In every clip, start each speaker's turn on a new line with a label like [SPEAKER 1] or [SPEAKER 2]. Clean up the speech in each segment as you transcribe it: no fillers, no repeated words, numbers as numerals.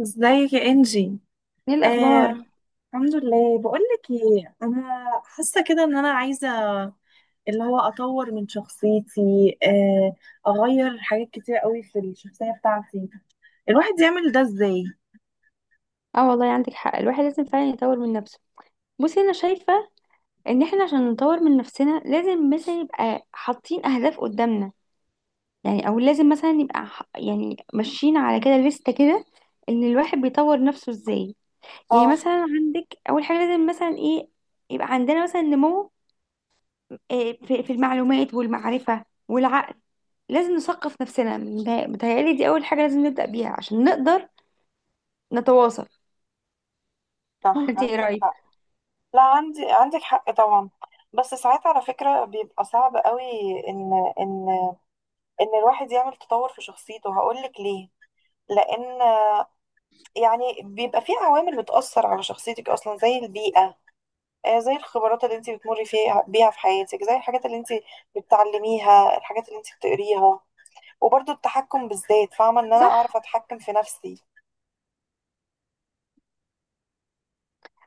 [SPEAKER 1] ازيك يا انجي؟
[SPEAKER 2] ايه
[SPEAKER 1] آه،
[SPEAKER 2] الاخبار؟
[SPEAKER 1] الحمد لله. بقول لك ايه، انا حاسه كده ان انا عايزه اللي هو اطور من شخصيتي، آه، اغير حاجات كتير قوي في الشخصيه بتاعتي. الواحد يعمل ده ازاي؟
[SPEAKER 2] اه، والله عندك حق. الواحد لازم فعلا يطور من نفسه. بصي، انا شايفه ان احنا عشان نطور من نفسنا لازم مثلا يبقى حاطين اهداف قدامنا. يعني او لازم مثلا يبقى يعني ماشيين على كده لستة كده. ان الواحد بيطور نفسه ازاي؟ يعني
[SPEAKER 1] اه،
[SPEAKER 2] مثلا عندك اول حاجه لازم مثلا ايه؟ يبقى عندنا مثلا نمو في المعلومات والمعرفه والعقل. لازم نثقف نفسنا، متهيألي دي اول حاجه لازم نبدا بيها عشان نقدر نتواصل. ولا
[SPEAKER 1] صح،
[SPEAKER 2] انت ايه
[SPEAKER 1] عندك
[SPEAKER 2] رايك؟
[SPEAKER 1] حق. لا، عندك حق طبعا. بس ساعات على فكرة بيبقى صعب قوي ان ان ان الواحد يعمل تطور في شخصيته. هقولك ليه، لان يعني بيبقى في عوامل بتأثر على شخصيتك أصلا، زي البيئة، زي الخبرات اللي انت بتمري بيها في حياتك، زي الحاجات اللي انت بتتعلميها، الحاجات اللي انت بتقريها، وبرضو التحكم بالذات. فاهمة إن أنا
[SPEAKER 2] صح.
[SPEAKER 1] أعرف أتحكم في نفسي.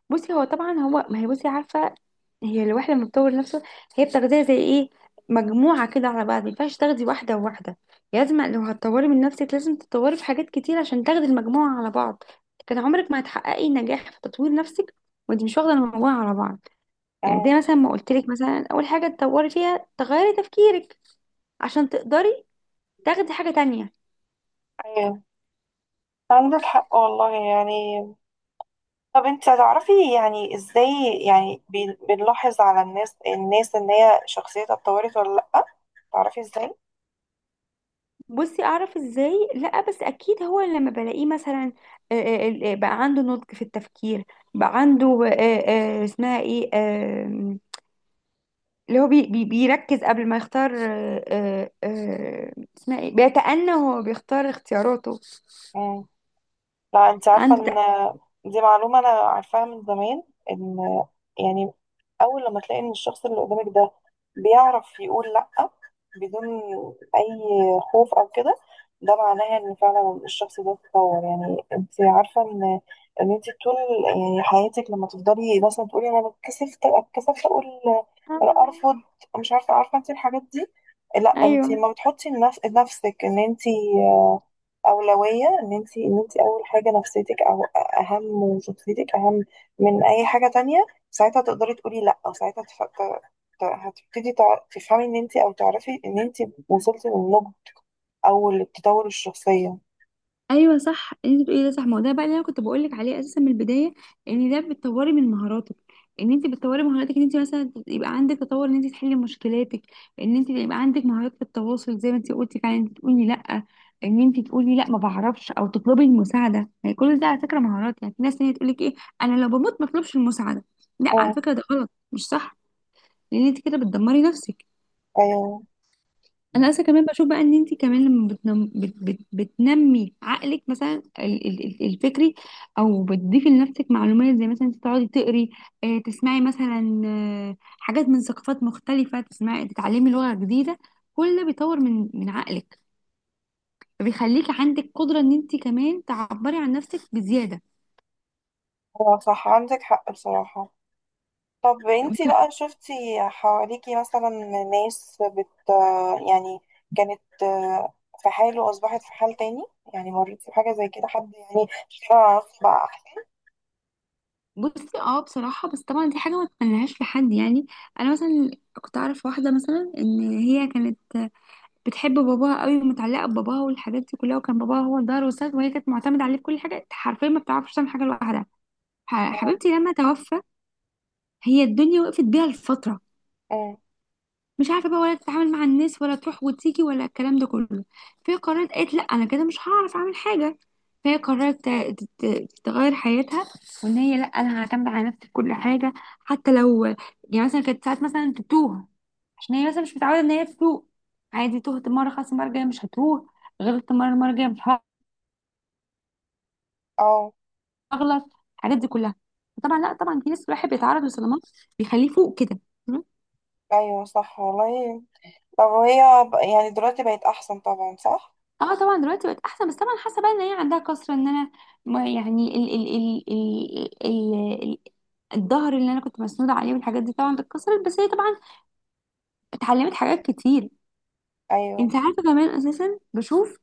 [SPEAKER 2] بصي، هو طبعا، هو ما هي، بصي عارفه، هي الواحده لما بتطور نفسه هي بتاخديها زي ايه؟ مجموعه كده على بعض. ما ينفعش تاخدي واحده وواحده. لازم لو هتطوري من نفسك لازم تتطوري في حاجات كتير عشان تاخدي المجموعه على بعض. كان عمرك ما هتحققي نجاح في تطوير نفسك وانت مش واخده المجموعه على بعض. يعني
[SPEAKER 1] مم.
[SPEAKER 2] دي مثلا ما قلت لك، مثلا اول حاجه تطوري فيها تغيري تفكيرك عشان تقدري تاخدي حاجه تانية.
[SPEAKER 1] أيوه، عندك حق والله. يعني طب انت هتعرفي يعني ازاي، يعني بنلاحظ على الناس إن هي شخصيتها اتطورت ولا لأ؟ تعرفي ازاي؟
[SPEAKER 2] بصي، اعرف ازاي؟ لا بس اكيد هو لما بلاقيه مثلا بقى عنده نضج في التفكير، بقى عنده اسمها ايه اللي هو بي بي بيركز قبل ما يختار، اسمها ايه، بيتأنى وهو بيختار اختياراته.
[SPEAKER 1] مم. لا، انت عارفة
[SPEAKER 2] عنده
[SPEAKER 1] ان دي معلومة انا عارفاها من زمان، ان يعني اول لما تلاقي ان الشخص اللي قدامك ده بيعرف يقول لا بدون اي خوف او كده، ده معناها ان فعلا الشخص ده اتطور. يعني انت عارفة ان انت طول يعني حياتك لما تفضلي مثلا تقولي انا اتكسفت اتكسفت اقول انا
[SPEAKER 2] آه.
[SPEAKER 1] ارفض، مش عارفة، عارفة انت الحاجات دي؟ لا
[SPEAKER 2] ايوه،
[SPEAKER 1] انت ما بتحطي لنفسك ان انت أولوية، إن أنت أول حاجة، نفسيتك أو أهم، وشخصيتك أهم من أي حاجة تانية. ساعتها تقدري تقولي لأ، أو ساعتها هتبتدي تفهمي إن أنت، أو تعرفي إن أنت وصلتي للنضج أو للتطور الشخصية.
[SPEAKER 2] ايوه صح. انت بتقولي ده صح. ما هو ده بقى اللي انا كنت بقول لك عليه اساسا من البدايه. ان ده بتطوري من مهاراتك، ان انت بتطوري مهاراتك، ان انت مثلا يبقى عندك تطور، ان انت تحلي مشكلاتك، ان انت يبقى عندك مهارات في التواصل زي ما انت قلتي، فعلا انت تقولي لا. ان انت تقولي لا ما بعرفش، او تطلبي المساعده. يعني كل ده على فكره مهارات. يعني في ناس تانية تقول لك ايه، انا لو بموت ما اطلبش المساعده. لا، على
[SPEAKER 1] أه.
[SPEAKER 2] فكره ده غلط، مش صح. لان انت كده بتدمري نفسك.
[SPEAKER 1] أيوه.
[SPEAKER 2] انا اصلا كمان بشوف بقى ان انت كمان لما بتنمي عقلك، مثلا الفكري، او بتضيفي لنفسك معلومات زي مثلا انت تقعدي تقري، تسمعي مثلا حاجات من ثقافات مختلفه، تسمعي، تتعلمي لغه جديده. كل ده بيطور من عقلك، فبيخليكي عندك قدره ان انت كمان تعبري عن نفسك بزياده.
[SPEAKER 1] أه، صح، عندك حق بصراحة. طب أنت
[SPEAKER 2] وك-
[SPEAKER 1] بقى شفتي حواليكي مثلا ناس بت يعني كانت في حال وأصبحت في حال تاني؟ يعني مريتي بحاجة زي كده، حد يعني اشتغل على نفسه بقى أحسن؟
[SPEAKER 2] بصي، اه بصراحه، بس طبعا دي حاجه ما تتمنهاش لحد، يعني انا مثلا كنت اعرف واحده مثلا ان هي كانت بتحب باباها قوي، ومتعلقه بباباها، والحاجات دي كلها، وكان باباها هو الظهر والسند، وهي كانت معتمده عليه في كل حاجه حرفيا. ما بتعرفش تعمل حاجه لوحدها. حبيبتي لما توفى، هي الدنيا وقفت بيها لفتره.
[SPEAKER 1] أمم.
[SPEAKER 2] مش عارفه بقى، ولا تتعامل مع الناس، ولا تروح وتيجي، ولا الكلام ده كله. فهي قررت، قالت لا انا كده مش هعرف اعمل حاجه. فهي قررت تغير حياتها، وان هي لا، انا هعتمد على نفسي في كل حاجه. حتى لو يعني مثلا كانت ساعات مثلا تتوه، عشان هي مثلا مش متعوده ان هي تتوه، عادي، تهت مره خلاص، المره الجايه مش هتوه. غلطت مره، المره الجايه مش
[SPEAKER 1] اه،
[SPEAKER 2] هغلط. الحاجات دي كلها. طبعا لا، طبعا في ناس الواحد بيتعرض لصدمات بيخليه فوق كده.
[SPEAKER 1] ايوه، صح والله. طب وهي يعني دلوقتي بقت احسن طبعا؟ صح.
[SPEAKER 2] اه طبعا دلوقتي بقت احسن، بس طبعا حاسه بقى ان هي عندها كسر، ان انا ما يعني ال ال ال ال ال ال الظهر اللي انا كنت مسنوده عليه والحاجات دي طبعا اتكسرت، بس هي طبعا اتعلمت حاجات كتير.
[SPEAKER 1] ايوه.
[SPEAKER 2] انت عارفه كمان، اساسا بشوف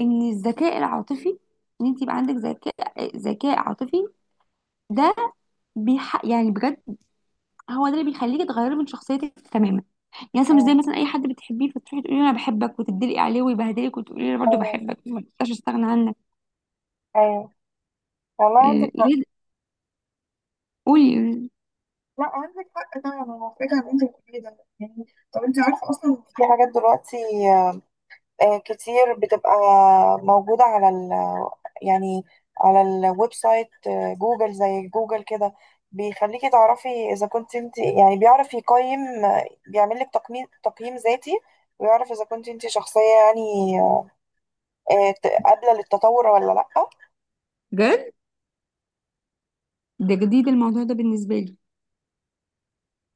[SPEAKER 2] ان الذكاء العاطفي، ان انت يبقى عندك ذكاء عاطفي، ده يعني بجد هو ده اللي بيخليكي تغيري من شخصيتك تماما. يعني مثلا مش زي
[SPEAKER 1] أمم.
[SPEAKER 2] مثلا اي حد بتحبيه فتروحي تقولي له انا بحبك، وتدلقي عليه ويبهدلك، وتقولي له انا برضه
[SPEAKER 1] ايوه.
[SPEAKER 2] بحبك، ما تقدرش استغنى عنك.
[SPEAKER 1] ايوه والله، عندك
[SPEAKER 2] آه،
[SPEAKER 1] حق.
[SPEAKER 2] إيه، قولي.
[SPEAKER 1] لا، عندك حق طبعا، انا محتاجه ان انت بتقولي ده يعني. طب انت عارفه اصلا في حاجات دلوقتي كتير بتبقى موجوده على ال، يعني على الويب سايت، جوجل، زي جوجل كده، بيخليكي تعرفي اذا كنت انت يعني. بيعرف يقيم، بيعمل لك تقييم، تقييم ذاتي، ويعرف اذا كنت انت شخصيه يعني قابلة للتطور ولا لأ.
[SPEAKER 2] بجد ده جديد، الموضوع ده بالنسبه لي.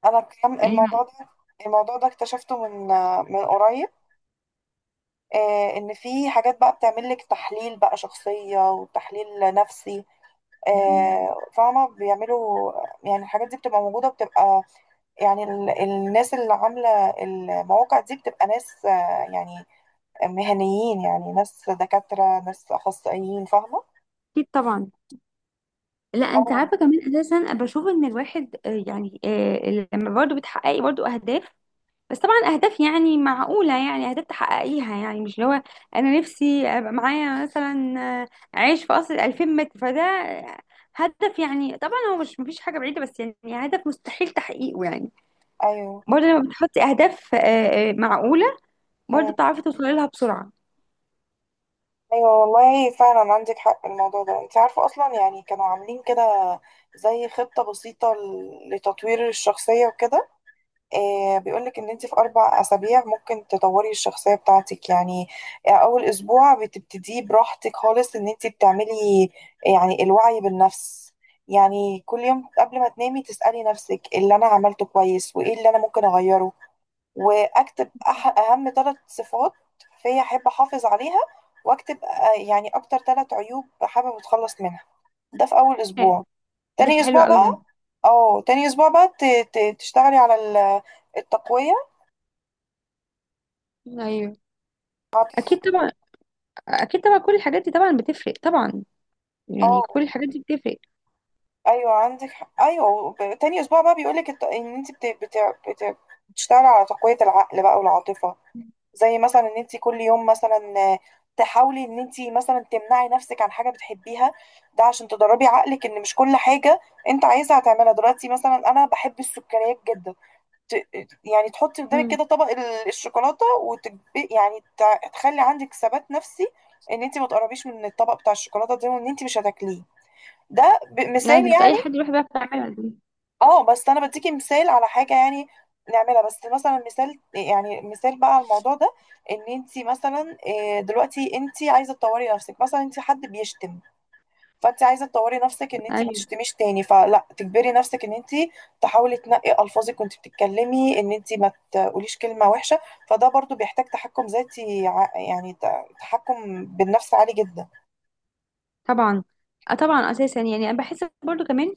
[SPEAKER 1] أنا كم
[SPEAKER 2] يعني
[SPEAKER 1] الموضوع ده الموضوع ده اكتشفته من قريب. إن في حاجات بقى بتعمل لك تحليل بقى شخصية وتحليل نفسي، فاهمة بيعملوا يعني. الحاجات دي بتبقى موجودة، يعني الناس اللي عاملة المواقع دي بتبقى ناس يعني مهنيين، يعني ناس دكاترة، ناس أخصائيين، فاهمة؟
[SPEAKER 2] اكيد طبعا. لا، انت
[SPEAKER 1] اه.
[SPEAKER 2] عارفه كمان اساسا، أنا بشوف ان الواحد يعني لما برضه بتحققي برضه اهداف، بس طبعا اهداف يعني معقوله، يعني اهداف تحققيها، يعني مش اللي هو انا نفسي ابقى معايا مثلا آه، عيش في قصر 2000 متر، فده هدف، يعني طبعا هو مش مفيش حاجه بعيده، بس يعني هدف مستحيل تحقيقه. يعني
[SPEAKER 1] أيوه.
[SPEAKER 2] برضه لما بتحطي اهداف معقوله، برضه بتعرفي توصلي لها بسرعه.
[SPEAKER 1] ايوه والله فعلا عندك حق. الموضوع ده انت عارفه اصلا يعني كانوا عاملين كده زي خطه بسيطه لتطوير الشخصيه وكده. إيه بيقولك ان انت في 4 اسابيع ممكن تطوري الشخصيه بتاعتك يعني. اول اسبوع بتبتديه براحتك خالص، ان انت بتعملي يعني الوعي بالنفس، يعني كل يوم قبل ما تنامي تسألي نفسك إيه اللي انا عملته كويس وايه اللي انا ممكن اغيره، واكتب اهم ثلاث صفات فيا احب احافظ عليها، واكتب يعني اكتر ثلاث عيوب حابب اتخلص منها، ده في اول
[SPEAKER 2] آه،
[SPEAKER 1] اسبوع.
[SPEAKER 2] ده
[SPEAKER 1] تاني
[SPEAKER 2] حلو
[SPEAKER 1] اسبوع
[SPEAKER 2] قوي ده.
[SPEAKER 1] بقى، اه، تاني اسبوع بقى تشتغلي على التقوية.
[SPEAKER 2] ايوه
[SPEAKER 1] هت-
[SPEAKER 2] اكيد طبعا، اكيد طبعا كل الحاجات دي طبعا بتفرق طبعا، يعني
[SPEAKER 1] اه،
[SPEAKER 2] كل الحاجات دي بتفرق.
[SPEAKER 1] ايوه، عندك حق. ايوه، تاني اسبوع بقى بيقولك ان انت بت... بتشتغلي على تقوية العقل بقى والعاطفة. زي مثلا ان انت كل يوم مثلا تحاولي ان انت مثلا تمنعي نفسك عن حاجه بتحبيها، ده عشان تدربي عقلك ان مش كل حاجه انت عايزها هتعملها دلوقتي. مثلا انا بحب السكريات جدا، ت... يعني تحطي قدامك
[SPEAKER 2] امم.
[SPEAKER 1] كده طبق الشوكولاته، يعني تخلي عندك ثبات نفسي ان انت ما تقربيش من الطبق بتاع الشوكولاته ده وان انت مش هتاكليه. ده مثال
[SPEAKER 2] يعني مش اي
[SPEAKER 1] يعني.
[SPEAKER 2] حد يروح بقى يعملها دي.
[SPEAKER 1] اه بس انا بديكي مثال على حاجه يعني نعملها بس، مثلا مثال، يعني مثال بقى على الموضوع ده، ان انت مثلا دلوقتي انت عايزه تطوري نفسك. مثلا انت حد بيشتم، فانت عايزه تطوري نفسك ان انت ما
[SPEAKER 2] ايوه
[SPEAKER 1] تشتميش تاني، فلا تجبري نفسك ان انت تحاولي تنقي الفاظك وانت بتتكلمي، ان انت ما تقوليش كلمه وحشه، فده برضو بيحتاج تحكم ذاتي، يعني تحكم بالنفس عالي جدا.
[SPEAKER 2] طبعا. آه طبعا اساسا، يعني انا بحس برضو كمان،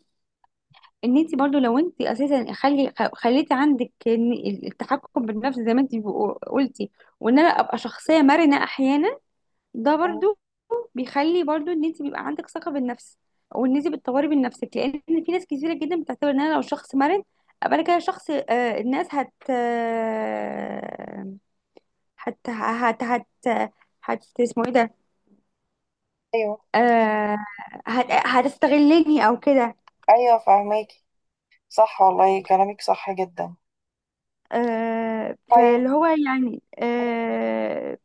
[SPEAKER 2] ان انت برضو لو انت اساسا خليتي عندك إن التحكم بالنفس زي ما انت قلتي، وان انا ابقى شخصيه مرنه احيانا، ده
[SPEAKER 1] مم.
[SPEAKER 2] برضو بيخلي برضو ان انت بيبقى عندك ثقه بالنفس، او ان انت بتطوري من نفسك. لان في ناس كثيره جدا بتعتبر ان انا لو شخص مرن، ابقى انا كده شخص، الناس هت هت هت هت اسمه ايه ده؟
[SPEAKER 1] ايوه.
[SPEAKER 2] آه. هتستغلني او كده.
[SPEAKER 1] ايوه، فاهماكي. صح والله، كلامك صح جدا.
[SPEAKER 2] آه
[SPEAKER 1] طيب.
[SPEAKER 2] فاللي هو يعني آه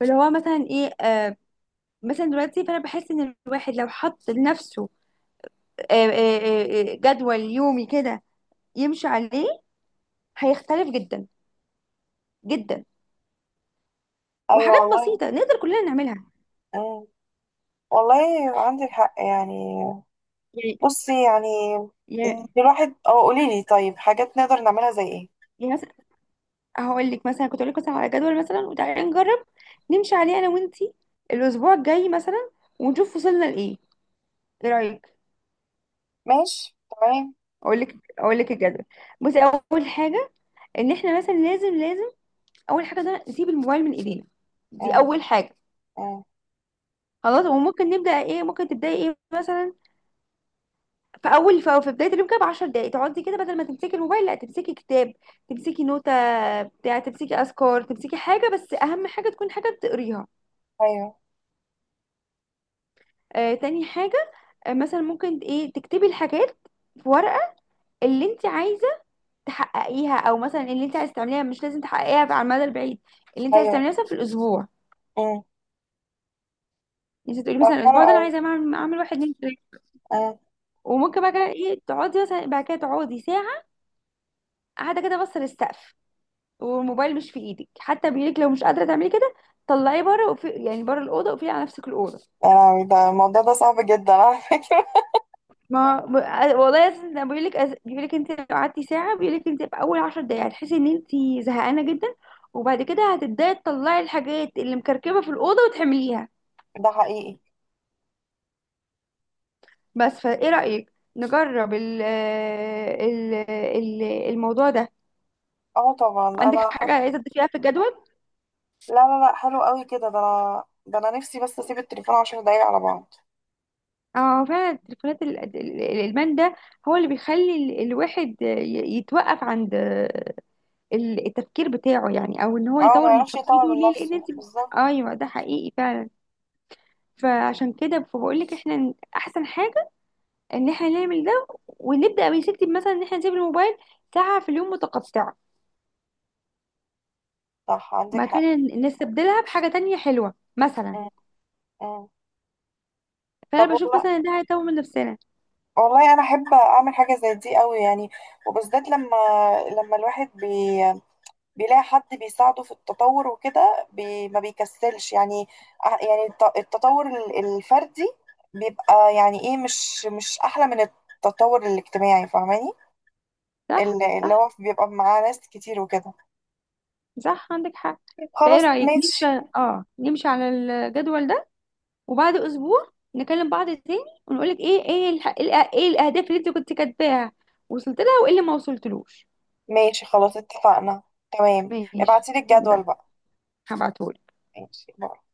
[SPEAKER 2] فاللي هو مثلا ايه، مثلا دلوقتي، فانا بحس ان الواحد لو حط لنفسه جدول يومي كده يمشي عليه، هيختلف جدا جدا.
[SPEAKER 1] ايوه
[SPEAKER 2] وحاجات
[SPEAKER 1] والله.
[SPEAKER 2] بسيطه نقدر كلنا نعملها.
[SPEAKER 1] مم. والله عندك حق يعني.
[SPEAKER 2] يعني
[SPEAKER 1] بصي يعني
[SPEAKER 2] يعني
[SPEAKER 1] الواحد. اه، قولي لي طيب، حاجات نقدر نعملها زي ايه؟
[SPEAKER 2] مثلا هقول لك مثلا، كنت اقول لك مثلا على جدول مثلا، وتعالي نجرب نمشي عليه انا وانتي الاسبوع الجاي مثلا، ونشوف وصلنا لايه. ايه رايك؟
[SPEAKER 1] ماشي، تمام.
[SPEAKER 2] اقول لك، الجدول. بصي، اول حاجه ان احنا مثلا لازم، اول حاجه ده نسيب الموبايل من ايدينا، دي
[SPEAKER 1] مم.
[SPEAKER 2] اول حاجه.
[SPEAKER 1] مم.
[SPEAKER 2] خلاص، وممكن نبدا ايه، ممكن تبداي ايه مثلا. في اول في في بدايه اليوم كده ب 10 دقائق، تقعدي كده بدل ما تمسكي الموبايل، لا، تمسكي كتاب، تمسكي نوتة بتاع، تمسكي اذكار، تمسكي حاجه، بس اهم حاجه تكون حاجه بتقريها.
[SPEAKER 1] ايوه.
[SPEAKER 2] تاني حاجه، مثلا ممكن ايه، تكتبي الحاجات في ورقه، اللي انت عايزه تحققيها، او مثلا اللي انت عايزه تعمليها، مش لازم تحققيها على المدى البعيد، اللي انت عايزه
[SPEAKER 1] ايوه.
[SPEAKER 2] تعمليها مثلا في الاسبوع.
[SPEAKER 1] مم.
[SPEAKER 2] يعني انت تقولي
[SPEAKER 1] طب
[SPEAKER 2] مثلا
[SPEAKER 1] حلو
[SPEAKER 2] الاسبوع ده انا
[SPEAKER 1] قوي.
[SPEAKER 2] عايزه اعمل، واحد، اتنين، تلاته.
[SPEAKER 1] مم.
[SPEAKER 2] وممكن بقى كده ايه، تقعدي مثلا بعد كده، تقعدي ساعه قاعده كده بص للسقف، والموبايل مش في ايدك. حتى بايدك لو مش قادره تعملي كده، طلعيه بره. وفي يعني بره الاوضه، وقفلي على نفسك الاوضه.
[SPEAKER 1] يا لهوي، ده الموضوع ده صعب جدا على فكرة.
[SPEAKER 2] ما ب- والله أساساً انا بيقول لك، انت لو قعدتي ساعه بيقول لك انت في اول 10 دقايق هتحسي ان انت زهقانه جدا. وبعد كده هتبداي تطلعي الحاجات اللي مكركبه في الاوضه وتحمليها.
[SPEAKER 1] ده حقيقي.
[SPEAKER 2] بس فايه رايك نجرب ال ال ال الموضوع ده؟
[SPEAKER 1] اه طبعا
[SPEAKER 2] عندك
[SPEAKER 1] انا
[SPEAKER 2] حاجه عايزه تضيفيها في الجدول؟
[SPEAKER 1] لا لا لا، حلو قوي كده. ده انا، ده انا نفسي بس اسيب التليفون 10 دقايق على بعض.
[SPEAKER 2] اه فعلا، التليفونات، الادمان ده هو اللي بيخلي الواحد يتوقف عند التفكير بتاعه. يعني او ان هو
[SPEAKER 1] اه، ما
[SPEAKER 2] يطور من
[SPEAKER 1] يعرفش
[SPEAKER 2] شخصيته
[SPEAKER 1] يطور من
[SPEAKER 2] ليه، لان
[SPEAKER 1] نفسه
[SPEAKER 2] انت،
[SPEAKER 1] بالظبط.
[SPEAKER 2] ايوه ده حقيقي فعلا. فعشان كده فبقول لك احنا احسن حاجه ان احنا نعمل ده، ونبدا يا ستي مثلا ان احنا نسيب الموبايل ساعه في اليوم متقطعه،
[SPEAKER 1] صح، عندك حق.
[SPEAKER 2] مكان نستبدلها بحاجه تانية حلوه مثلا.
[SPEAKER 1] مم. مم. طب
[SPEAKER 2] فانا بشوف
[SPEAKER 1] والله،
[SPEAKER 2] مثلا ان ده هيطور من نفسنا.
[SPEAKER 1] والله انا احب اعمل حاجه زي دي قوي يعني، وبالذات لما الواحد بيلاقي حد بيساعده في التطور وكده ما بيكسلش يعني. يعني التطور الفردي بيبقى يعني ايه، مش احلى من التطور الاجتماعي، فاهماني؟
[SPEAKER 2] صح
[SPEAKER 1] اللي
[SPEAKER 2] صح.
[SPEAKER 1] هو بيبقى معاه ناس كتير وكده.
[SPEAKER 2] صح عندك حق. فايه
[SPEAKER 1] خلاص،
[SPEAKER 2] رايك نمشي؟
[SPEAKER 1] ماشي.
[SPEAKER 2] اه، نمشي على الجدول ده وبعد اسبوع نكلم بعض تاني، ونقول لك ايه الاهداف اللي انت كنت كاتباها، وصلت لها، وايه اللي ما وصلتلوش.
[SPEAKER 1] ماشي خلاص، اتفقنا. تمام.
[SPEAKER 2] ماشي،
[SPEAKER 1] ابعتيلي الجدول
[SPEAKER 2] يلا،
[SPEAKER 1] بقى.
[SPEAKER 2] هبعتهولك.
[SPEAKER 1] ماشي.